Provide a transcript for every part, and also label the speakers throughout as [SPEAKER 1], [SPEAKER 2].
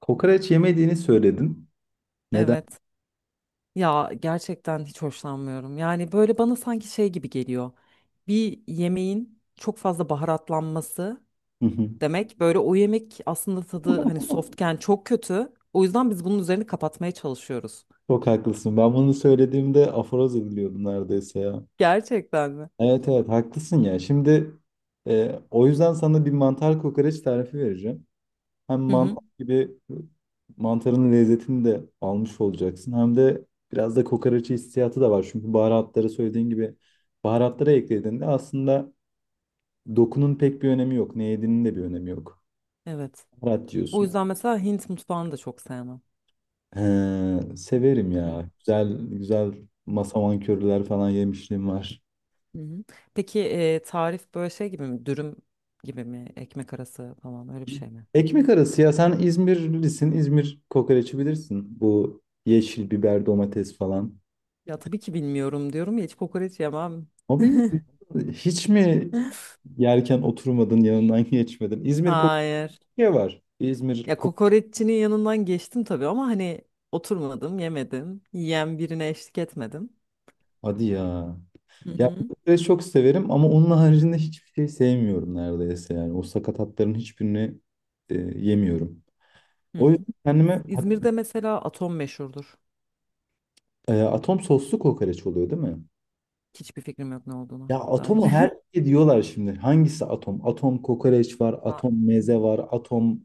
[SPEAKER 1] Kokoreç yemediğini söyledin. Neden?
[SPEAKER 2] Evet. Ya gerçekten hiç hoşlanmıyorum. Yani böyle bana sanki şey gibi geliyor. Bir yemeğin çok fazla baharatlanması
[SPEAKER 1] Hı hı.
[SPEAKER 2] demek böyle o yemek aslında tadı hani softken çok kötü. O yüzden biz bunun üzerini kapatmaya çalışıyoruz.
[SPEAKER 1] Çok haklısın. Ben bunu söylediğimde aforoz ediliyordum neredeyse ya.
[SPEAKER 2] Gerçekten mi?
[SPEAKER 1] Evet, evet, haklısın ya. Şimdi o yüzden sana bir mantar kokoreç tarifi vereceğim. Hem
[SPEAKER 2] Hı
[SPEAKER 1] mantar
[SPEAKER 2] hı.
[SPEAKER 1] gibi mantarın lezzetini de almış olacaksın. Hem de biraz da kokoreç hissiyatı da var. Çünkü baharatları söylediğin gibi baharatlara eklediğinde aslında dokunun pek bir önemi yok. Ne yediğinin de bir önemi yok.
[SPEAKER 2] Evet.
[SPEAKER 1] Baharat
[SPEAKER 2] O
[SPEAKER 1] diyorsun.
[SPEAKER 2] yüzden mesela Hint mutfağını da çok sevmem.
[SPEAKER 1] He, severim
[SPEAKER 2] Hı hı.
[SPEAKER 1] ya. Güzel güzel masaman köriler falan yemişliğim var.
[SPEAKER 2] Hı hı. Peki tarif böyle şey gibi mi? Dürüm gibi mi? Ekmek arası falan öyle bir şey mi?
[SPEAKER 1] Ekmek arası ya, sen İzmirlisin. İzmir kokoreçi bilirsin. Bu yeşil biber, domates falan.
[SPEAKER 2] Ya tabii ki bilmiyorum diyorum ya hiç kokoreç yemem.
[SPEAKER 1] Abi, hiç mi yerken oturmadın, yanından geçmedin? İzmir
[SPEAKER 2] Hayır.
[SPEAKER 1] kokoreçi var. İzmir
[SPEAKER 2] Ya
[SPEAKER 1] kok
[SPEAKER 2] kokoreççinin yanından geçtim tabii ama hani oturmadım, yemedim. Yiyen birine eşlik etmedim.
[SPEAKER 1] Hadi ya.
[SPEAKER 2] Hı
[SPEAKER 1] Ya
[SPEAKER 2] hı.
[SPEAKER 1] kokoreç çok severim ama onun haricinde hiçbir şey sevmiyorum neredeyse yani. O sakatatların hiçbirini yemiyorum.
[SPEAKER 2] Hı
[SPEAKER 1] O
[SPEAKER 2] hı.
[SPEAKER 1] yüzden kendime
[SPEAKER 2] İzmir'de mesela atom meşhurdur.
[SPEAKER 1] Atom soslu kokoreç oluyor değil mi?
[SPEAKER 2] Hiçbir fikrim yok ne olduğuna dair.
[SPEAKER 1] Atom. Her şey diyorlar şimdi. Hangisi atom? Atom kokoreç var,
[SPEAKER 2] Ba-
[SPEAKER 1] atom meze var, atom...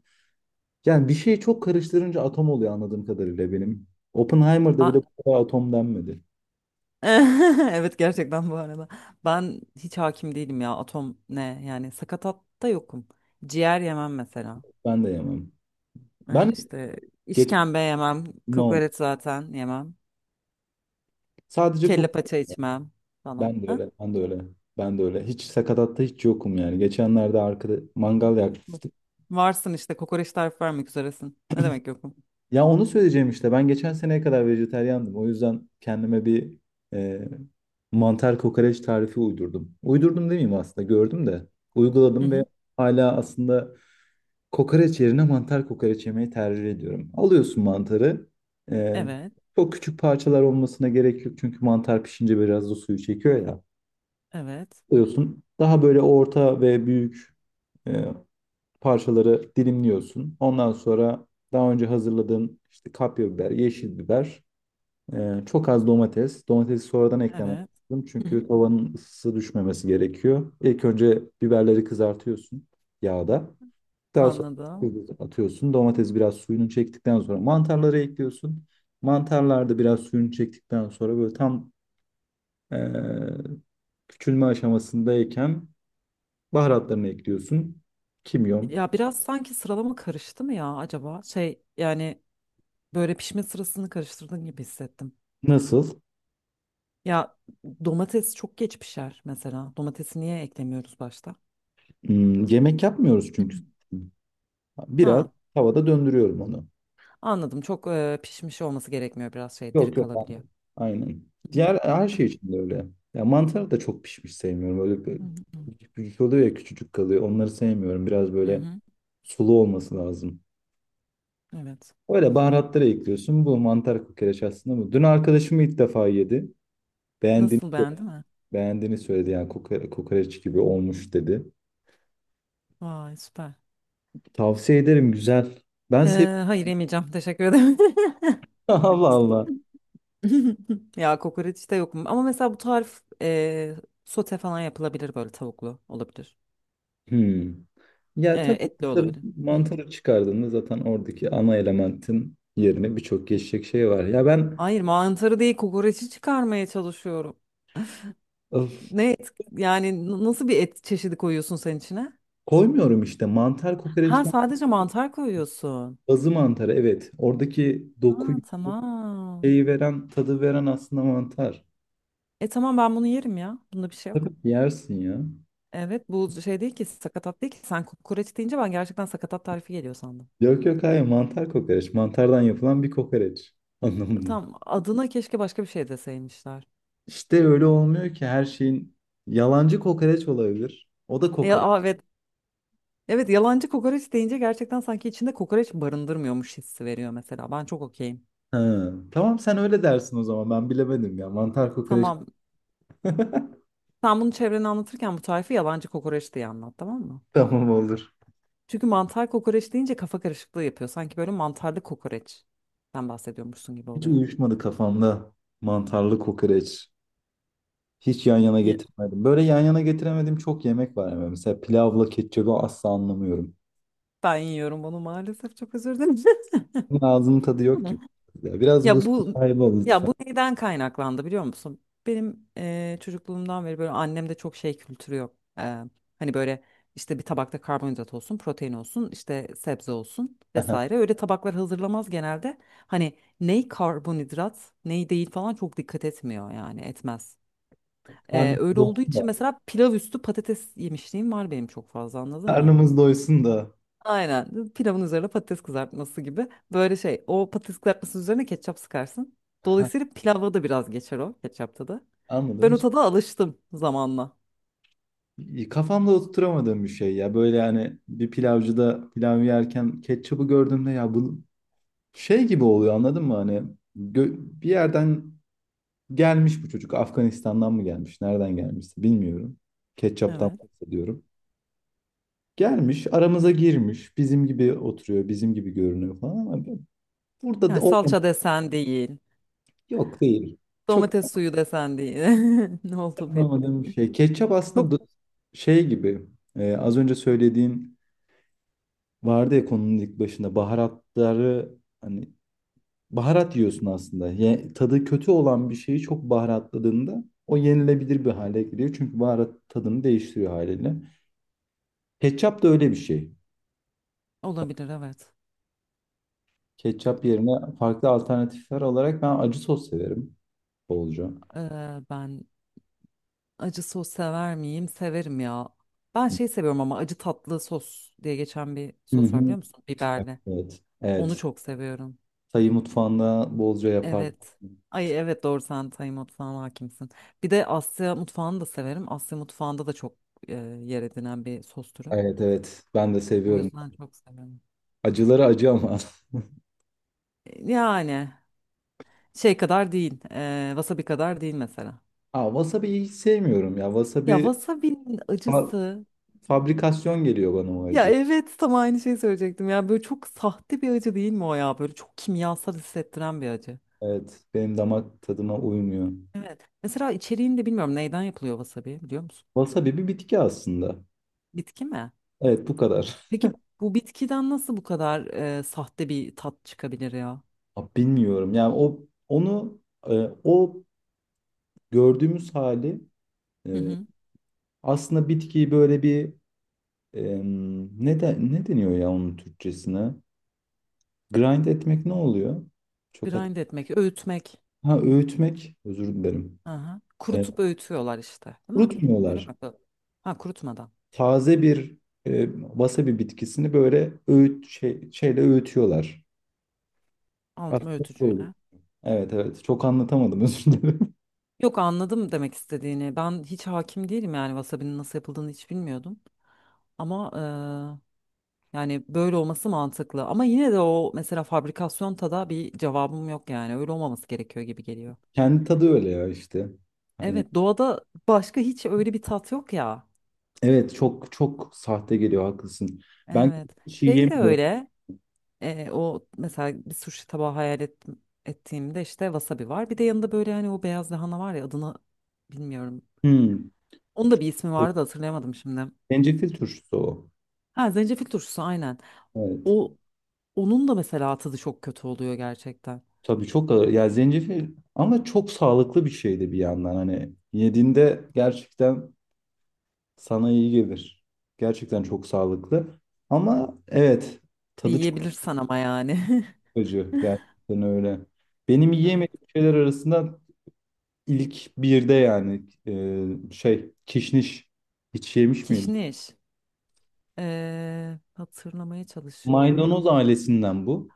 [SPEAKER 1] Yani bir şeyi çok karıştırınca atom oluyor anladığım kadarıyla benim. Oppenheimer'da bile
[SPEAKER 2] ba-
[SPEAKER 1] bu kadar atom denmedi.
[SPEAKER 2] Evet gerçekten bu arada. Ben hiç hakim değilim ya atom ne yani sakatatta yokum. Ciğer yemem mesela.
[SPEAKER 1] Ben de yemem. Ben
[SPEAKER 2] İşte
[SPEAKER 1] geçen...
[SPEAKER 2] işkembe yemem,
[SPEAKER 1] No.
[SPEAKER 2] kokoreç zaten yemem.
[SPEAKER 1] Sadece
[SPEAKER 2] Kelle
[SPEAKER 1] kok...
[SPEAKER 2] paça içmem falan.
[SPEAKER 1] Ben de öyle, ben de öyle. Ben de öyle. Hiç sakatatta yokum yani. Geçenlerde arkada mangal yaktık.
[SPEAKER 2] Varsın işte kokoreç tarifi vermek üzeresin. Ne demek yok mu?
[SPEAKER 1] Ya onu söyleyeceğim işte. Ben geçen seneye kadar vejetaryandım. O yüzden kendime bir e, mantar kokoreç tarifi uydurdum. Uydurdum demeyeyim, aslında gördüm de.
[SPEAKER 2] Hı
[SPEAKER 1] Uyguladım ve
[SPEAKER 2] hı.
[SPEAKER 1] hala aslında kokoreç yerine mantar kokoreç yemeyi tercih ediyorum. Alıyorsun mantarı. e,
[SPEAKER 2] Evet,
[SPEAKER 1] Çok küçük parçalar olmasına gerek yok. Çünkü mantar pişince biraz da suyu çekiyor ya.
[SPEAKER 2] evet,
[SPEAKER 1] Alıyorsun. Daha böyle orta ve büyük e, parçaları dilimliyorsun. Ondan sonra daha önce hazırladığın işte kapya biber, yeşil biber, çok az domates. Domatesi sonradan eklemen
[SPEAKER 2] evet.
[SPEAKER 1] lazım
[SPEAKER 2] Hı hı.
[SPEAKER 1] çünkü tavanın ısısı düşmemesi gerekiyor. İlk önce biberleri kızartıyorsun yağda. Daha sonra
[SPEAKER 2] Anladım.
[SPEAKER 1] atıyorsun. Domates biraz suyunu çektikten sonra mantarları ekliyorsun. Mantarlar da biraz suyunu çektikten sonra böyle tam e, küçülme aşamasındayken baharatlarını ekliyorsun. Kimyon.
[SPEAKER 2] Ya biraz sanki sıralama karıştı mı ya acaba? Şey yani böyle pişme sırasını karıştırdığın gibi hissettim.
[SPEAKER 1] Nasıl?
[SPEAKER 2] Ya domates çok geç pişer mesela. Domatesi niye eklemiyoruz başta?
[SPEAKER 1] Hmm, yemek yapmıyoruz
[SPEAKER 2] Hı.
[SPEAKER 1] çünkü. Biraz
[SPEAKER 2] Ha,
[SPEAKER 1] tavada döndürüyorum onu.
[SPEAKER 2] anladım. Çok pişmiş olması gerekmiyor biraz şey diri
[SPEAKER 1] Yok, yok.
[SPEAKER 2] kalabiliyor.
[SPEAKER 1] Aynen.
[SPEAKER 2] Hı hı.
[SPEAKER 1] Diğer her şey için de öyle. Ya mantarı da çok pişmiş sevmiyorum.
[SPEAKER 2] Hı
[SPEAKER 1] Büyük büyük oluyor ya, küçücük kalıyor. Onları sevmiyorum. Biraz
[SPEAKER 2] hı. Hı
[SPEAKER 1] böyle
[SPEAKER 2] hı.
[SPEAKER 1] sulu olması lazım.
[SPEAKER 2] Evet.
[SPEAKER 1] Öyle baharatları ekliyorsun. Bu mantar kokoreç aslında bu. Dün arkadaşım ilk defa yedi. Beğendiğini,
[SPEAKER 2] Nasıl beğendin mi?
[SPEAKER 1] beğendiğini söyledi. Yani kokoreç gibi olmuş dedi.
[SPEAKER 2] Vay süper.
[SPEAKER 1] Tavsiye ederim, güzel. Ben seviyorum.
[SPEAKER 2] Hayır yemeyeceğim. Teşekkür ederim.
[SPEAKER 1] Allah Allah.
[SPEAKER 2] Ya kokoreç de mu? Ama mesela bu tarif sote falan yapılabilir böyle tavuklu olabilir.
[SPEAKER 1] Hmm.
[SPEAKER 2] E,
[SPEAKER 1] Ya tabii
[SPEAKER 2] etli
[SPEAKER 1] mantarı,
[SPEAKER 2] olabilir. Hı.
[SPEAKER 1] mantarı çıkardığında zaten oradaki ana elementin yerine birçok geçecek şey var.
[SPEAKER 2] Hayır mantarı değil kokoreçi çıkarmaya çalışıyorum.
[SPEAKER 1] Öf,
[SPEAKER 2] Ne et yani nasıl bir et çeşidi koyuyorsun sen içine?
[SPEAKER 1] Koymuyorum işte mantar
[SPEAKER 2] Ha
[SPEAKER 1] kokoreçten
[SPEAKER 2] sadece mantar koyuyorsun.
[SPEAKER 1] mantarı, evet. Oradaki
[SPEAKER 2] Ha
[SPEAKER 1] dokuyu
[SPEAKER 2] tamam.
[SPEAKER 1] şeyi veren tadı veren aslında mantar.
[SPEAKER 2] E tamam ben bunu yerim ya. Bunda bir şey yok.
[SPEAKER 1] Tabii ki yersin ya.
[SPEAKER 2] Evet bu şey değil ki sakatat değil ki. Sen kokoreç deyince ben gerçekten sakatat tarifi geliyor sandım.
[SPEAKER 1] Yok, yok, hayır, mantar kokoreç. Mantardan yapılan bir kokoreç anlamında.
[SPEAKER 2] Tam adına keşke başka bir şey deseymişler.
[SPEAKER 1] İşte öyle olmuyor ki, her şeyin yalancı kokoreç olabilir. O da
[SPEAKER 2] Ya,
[SPEAKER 1] kokoreç.
[SPEAKER 2] aa, evet. Evet yalancı kokoreç deyince gerçekten sanki içinde kokoreç barındırmıyormuş hissi veriyor mesela. Ben çok okeyim.
[SPEAKER 1] Ha, tamam, sen öyle dersin o zaman, ben bilemedim ya. Mantar kokoreç.
[SPEAKER 2] Tamam. Sen bunu çevrene anlatırken bu tarifi yalancı kokoreç diye anlat tamam mı?
[SPEAKER 1] Tamam, olur.
[SPEAKER 2] Çünkü mantar kokoreç deyince kafa karışıklığı yapıyor. Sanki böyle mantarlı kokoreç. Sen bahsediyormuşsun gibi
[SPEAKER 1] Hiç
[SPEAKER 2] oluyor.
[SPEAKER 1] uyuşmadı kafamda mantarlı kokoreç. Hiç yan yana
[SPEAKER 2] Ye-
[SPEAKER 1] getirmedim. Böyle yan yana getiremediğim çok yemek var ama. Mesela pilavla ketçabı asla anlamıyorum.
[SPEAKER 2] Ben yiyorum bunu maalesef çok özür dilerim.
[SPEAKER 1] Bunun ağzının tadı yok gibi. Ya biraz bu
[SPEAKER 2] Ya bu
[SPEAKER 1] sahibi ol
[SPEAKER 2] Ya
[SPEAKER 1] lütfen.
[SPEAKER 2] bu neyden kaynaklandı biliyor musun? Benim çocukluğumdan beri böyle annemde çok şey kültürü yok. Hani böyle işte bir tabakta karbonhidrat olsun, protein olsun, işte sebze olsun vesaire. Öyle tabaklar hazırlamaz genelde. Hani ney karbonhidrat, ney değil falan çok dikkat etmiyor yani etmez.
[SPEAKER 1] Karnımız
[SPEAKER 2] Öyle olduğu
[SPEAKER 1] doysun
[SPEAKER 2] için
[SPEAKER 1] da.
[SPEAKER 2] mesela pilav üstü patates yemişliğim var benim çok fazla anladın mı?
[SPEAKER 1] Karnımız doysun da.
[SPEAKER 2] Aynen. Pilavın üzerine patates kızartması gibi. Böyle şey o patates kızartması üzerine ketçap sıkarsın. Dolayısıyla pilavda da biraz geçer o ketçapta da.
[SPEAKER 1] Anladım.
[SPEAKER 2] Ben o
[SPEAKER 1] Hiç
[SPEAKER 2] tada alıştım zamanla.
[SPEAKER 1] kafamda oturtamadığım bir şey ya. Böyle yani bir pilavcıda pilav yerken ketçabı gördüğümde, ya bu şey gibi oluyor, anladın mı? Hani bir yerden gelmiş bu çocuk. Afganistan'dan mı gelmiş? Nereden gelmişse bilmiyorum. Ketçaptan
[SPEAKER 2] Evet.
[SPEAKER 1] bahsediyorum. Gelmiş, aramıza girmiş. Bizim gibi oturuyor, bizim gibi görünüyor falan ama burada da
[SPEAKER 2] Yani
[SPEAKER 1] olmam.
[SPEAKER 2] salça desen değil.
[SPEAKER 1] Yok, değil. Çok
[SPEAKER 2] Domates suyu desen değil. Ne oldu belli
[SPEAKER 1] anlamadığım bir
[SPEAKER 2] değil.
[SPEAKER 1] şey.
[SPEAKER 2] Çok
[SPEAKER 1] Şey gibi. Az önce söylediğin vardı ya, konunun ilk başında, baharatları, hani, baharat yiyorsun aslında. Tadı kötü olan bir şeyi çok baharatladığında o yenilebilir bir hale geliyor. Çünkü baharat tadını değiştiriyor haliyle. Ketçap da öyle bir şey.
[SPEAKER 2] olabilir evet.
[SPEAKER 1] Ketçap yerine farklı alternatifler olarak ben acı sos severim bolca.
[SPEAKER 2] Ben acı sos sever miyim? Severim ya. Ben şey seviyorum ama acı tatlı sos diye geçen bir
[SPEAKER 1] Hı
[SPEAKER 2] sos var
[SPEAKER 1] hı.
[SPEAKER 2] biliyor musun? Biberli.
[SPEAKER 1] Evet.
[SPEAKER 2] Onu
[SPEAKER 1] Evet.
[SPEAKER 2] çok seviyorum.
[SPEAKER 1] Tayı mutfağında bolca yapar.
[SPEAKER 2] Evet. Ay evet doğru sen Tay mutfağına hakimsin. Bir de Asya mutfağını da severim. Asya mutfağında da çok e, yer edinen bir sos türü.
[SPEAKER 1] Evet, evet. Ben de
[SPEAKER 2] O yani
[SPEAKER 1] seviyorum.
[SPEAKER 2] yüzden çok severim.
[SPEAKER 1] Acıları acı ama.
[SPEAKER 2] E, yani şey kadar değil. E, wasabi kadar değil mesela.
[SPEAKER 1] Aa, wasabi'yi hiç sevmiyorum ya.
[SPEAKER 2] Ya wasabi'nin
[SPEAKER 1] Fa-
[SPEAKER 2] acısı.
[SPEAKER 1] Fabrikasyon geliyor bana o
[SPEAKER 2] Ya
[SPEAKER 1] acı.
[SPEAKER 2] evet tam aynı şeyi söyleyecektim. Ya böyle çok sahte bir acı değil mi o ya? Böyle çok kimyasal hissettiren bir acı.
[SPEAKER 1] Evet. Benim damak tadıma uymuyor.
[SPEAKER 2] Evet. Mesela içeriğini de bilmiyorum. Neyden yapılıyor wasabi biliyor musun?
[SPEAKER 1] Wasabi bir bitki aslında.
[SPEAKER 2] Bitki mi?
[SPEAKER 1] Evet, bu kadar.
[SPEAKER 2] Peki bu bitkiden nasıl bu kadar sahte bir tat çıkabilir ya?
[SPEAKER 1] Aa, bilmiyorum. Yani o onu e, o gördüğümüz hali. e,
[SPEAKER 2] Hı hı.
[SPEAKER 1] Aslında bitkiyi böyle bir ne deniyor ya onun Türkçesine? Grind etmek ne oluyor? Çok hat
[SPEAKER 2] Grind etmek, öğütmek.
[SPEAKER 1] Ha, öğütmek, özür dilerim.
[SPEAKER 2] Aha.
[SPEAKER 1] E,
[SPEAKER 2] Kurutup öğütüyorlar işte, değil mi? Öyle mi?
[SPEAKER 1] kurutmuyorlar.
[SPEAKER 2] Ha kurutmadan.
[SPEAKER 1] Taze bir wasabi bitkisini böyle şeyle öğütüyorlar.
[SPEAKER 2] Aldım
[SPEAKER 1] Aslında bu olur.
[SPEAKER 2] öğütücüyle.
[SPEAKER 1] Evet, evet, çok anlatamadım, özür dilerim.
[SPEAKER 2] Yok anladım demek istediğini. Ben hiç hakim değilim yani wasabi'nin nasıl yapıldığını hiç bilmiyordum. Ama yani böyle olması mantıklı. Ama yine de o mesela fabrikasyon tada bir cevabım yok yani. Öyle olmaması gerekiyor gibi geliyor.
[SPEAKER 1] Kendi tadı öyle ya işte. Hani
[SPEAKER 2] Evet doğada başka hiç öyle bir tat yok ya.
[SPEAKER 1] evet, çok çok sahte geliyor, haklısın. Ben
[SPEAKER 2] Evet.
[SPEAKER 1] şey
[SPEAKER 2] Şey de
[SPEAKER 1] yemiyorum.
[SPEAKER 2] öyle. O mesela bir sushi tabağı hayal ettim, ettiğimde işte wasabi var. Bir de yanında böyle hani o beyaz lahana var ya adını bilmiyorum.
[SPEAKER 1] Hmm.
[SPEAKER 2] Onun da bir ismi vardı da hatırlayamadım şimdi.
[SPEAKER 1] Zencefil turşusu o.
[SPEAKER 2] Ha zencefil turşusu aynen.
[SPEAKER 1] Evet.
[SPEAKER 2] O onun da mesela tadı çok kötü oluyor gerçekten.
[SPEAKER 1] Tabii çok ağır. Ya zencefil ama çok sağlıklı bir şey de bir yandan, hani yediğinde gerçekten sana iyi gelir. Gerçekten çok sağlıklı. Ama evet, tadı çok
[SPEAKER 2] Yiyebilirsen ama yani.
[SPEAKER 1] acı gerçekten, öyle. Benim
[SPEAKER 2] Evet.
[SPEAKER 1] yiyemediğim şeyler arasında ilk birde yani, kişniş, hiç yemiş miydim?
[SPEAKER 2] Kişniş. Hatırlamaya çalışıyorum.
[SPEAKER 1] Maydanoz ailesinden bu.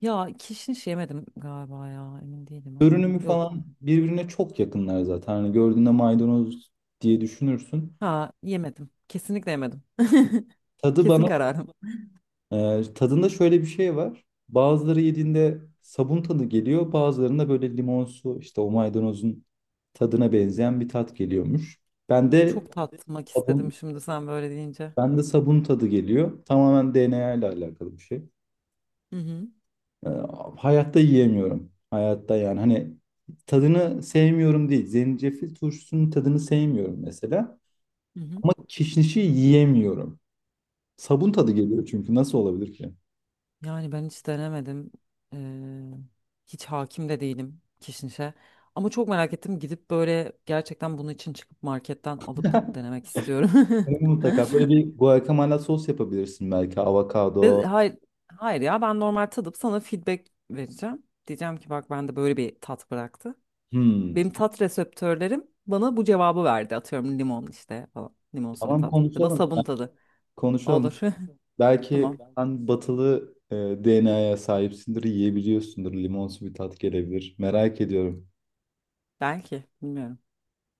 [SPEAKER 2] Ya kişniş yemedim galiba ya emin değilim ama
[SPEAKER 1] Görünümü
[SPEAKER 2] yok.
[SPEAKER 1] falan birbirine çok yakınlar zaten. Hani gördüğünde maydanoz diye düşünürsün.
[SPEAKER 2] Ha yemedim. Kesinlikle yemedim.
[SPEAKER 1] Tadı
[SPEAKER 2] Kesin
[SPEAKER 1] bana
[SPEAKER 2] kararım.
[SPEAKER 1] Tadında şöyle bir şey var. Bazıları yediğinde sabun tadı geliyor. Bazılarında böyle limonsu, işte o maydanozun tadına benzeyen bir tat geliyormuş. Ben de
[SPEAKER 2] Çok tatmak
[SPEAKER 1] sabun
[SPEAKER 2] istedim şimdi sen böyle deyince.
[SPEAKER 1] ben de sabun tadı geliyor. Tamamen DNA ile alakalı bir şey.
[SPEAKER 2] Hı hı.
[SPEAKER 1] Ee, Hayatta yiyemiyorum. Hayatta yani hani tadını sevmiyorum değil. Zencefil turşusunun tadını sevmiyorum mesela.
[SPEAKER 2] Hı hı.
[SPEAKER 1] Ama kişnişi yiyemiyorum. Sabun tadı geliyor çünkü, nasıl olabilir ki?
[SPEAKER 2] Yani ben hiç denemedim. Ee, Hiç hakim de değilim kişnişe. Ama çok merak ettim gidip böyle gerçekten bunun için çıkıp marketten alıp denemek istiyorum.
[SPEAKER 1] Bunu mutlaka böyle bir guacamole sos yapabilirsin belki,
[SPEAKER 2] Ve
[SPEAKER 1] avokado.
[SPEAKER 2] hayır, hayır ya ben normal tadıp sana feedback vereceğim. Diyeceğim ki bak bende böyle bir tat bıraktı.
[SPEAKER 1] Hmm.
[SPEAKER 2] Benim tat reseptörlerim bana bu cevabı verdi. Atıyorum limon işte falan. Limonsu bir
[SPEAKER 1] Tamam,
[SPEAKER 2] tat. Ya da
[SPEAKER 1] konuşalım.
[SPEAKER 2] sabun tadı.
[SPEAKER 1] Konuşalım.
[SPEAKER 2] Olur.
[SPEAKER 1] Belki
[SPEAKER 2] Tamam.
[SPEAKER 1] sen batılı DNA'ya sahipsindir, yiyebiliyorsundur. Limonsu bir tat gelebilir. Merak ediyorum.
[SPEAKER 2] Belki. Bilmiyorum.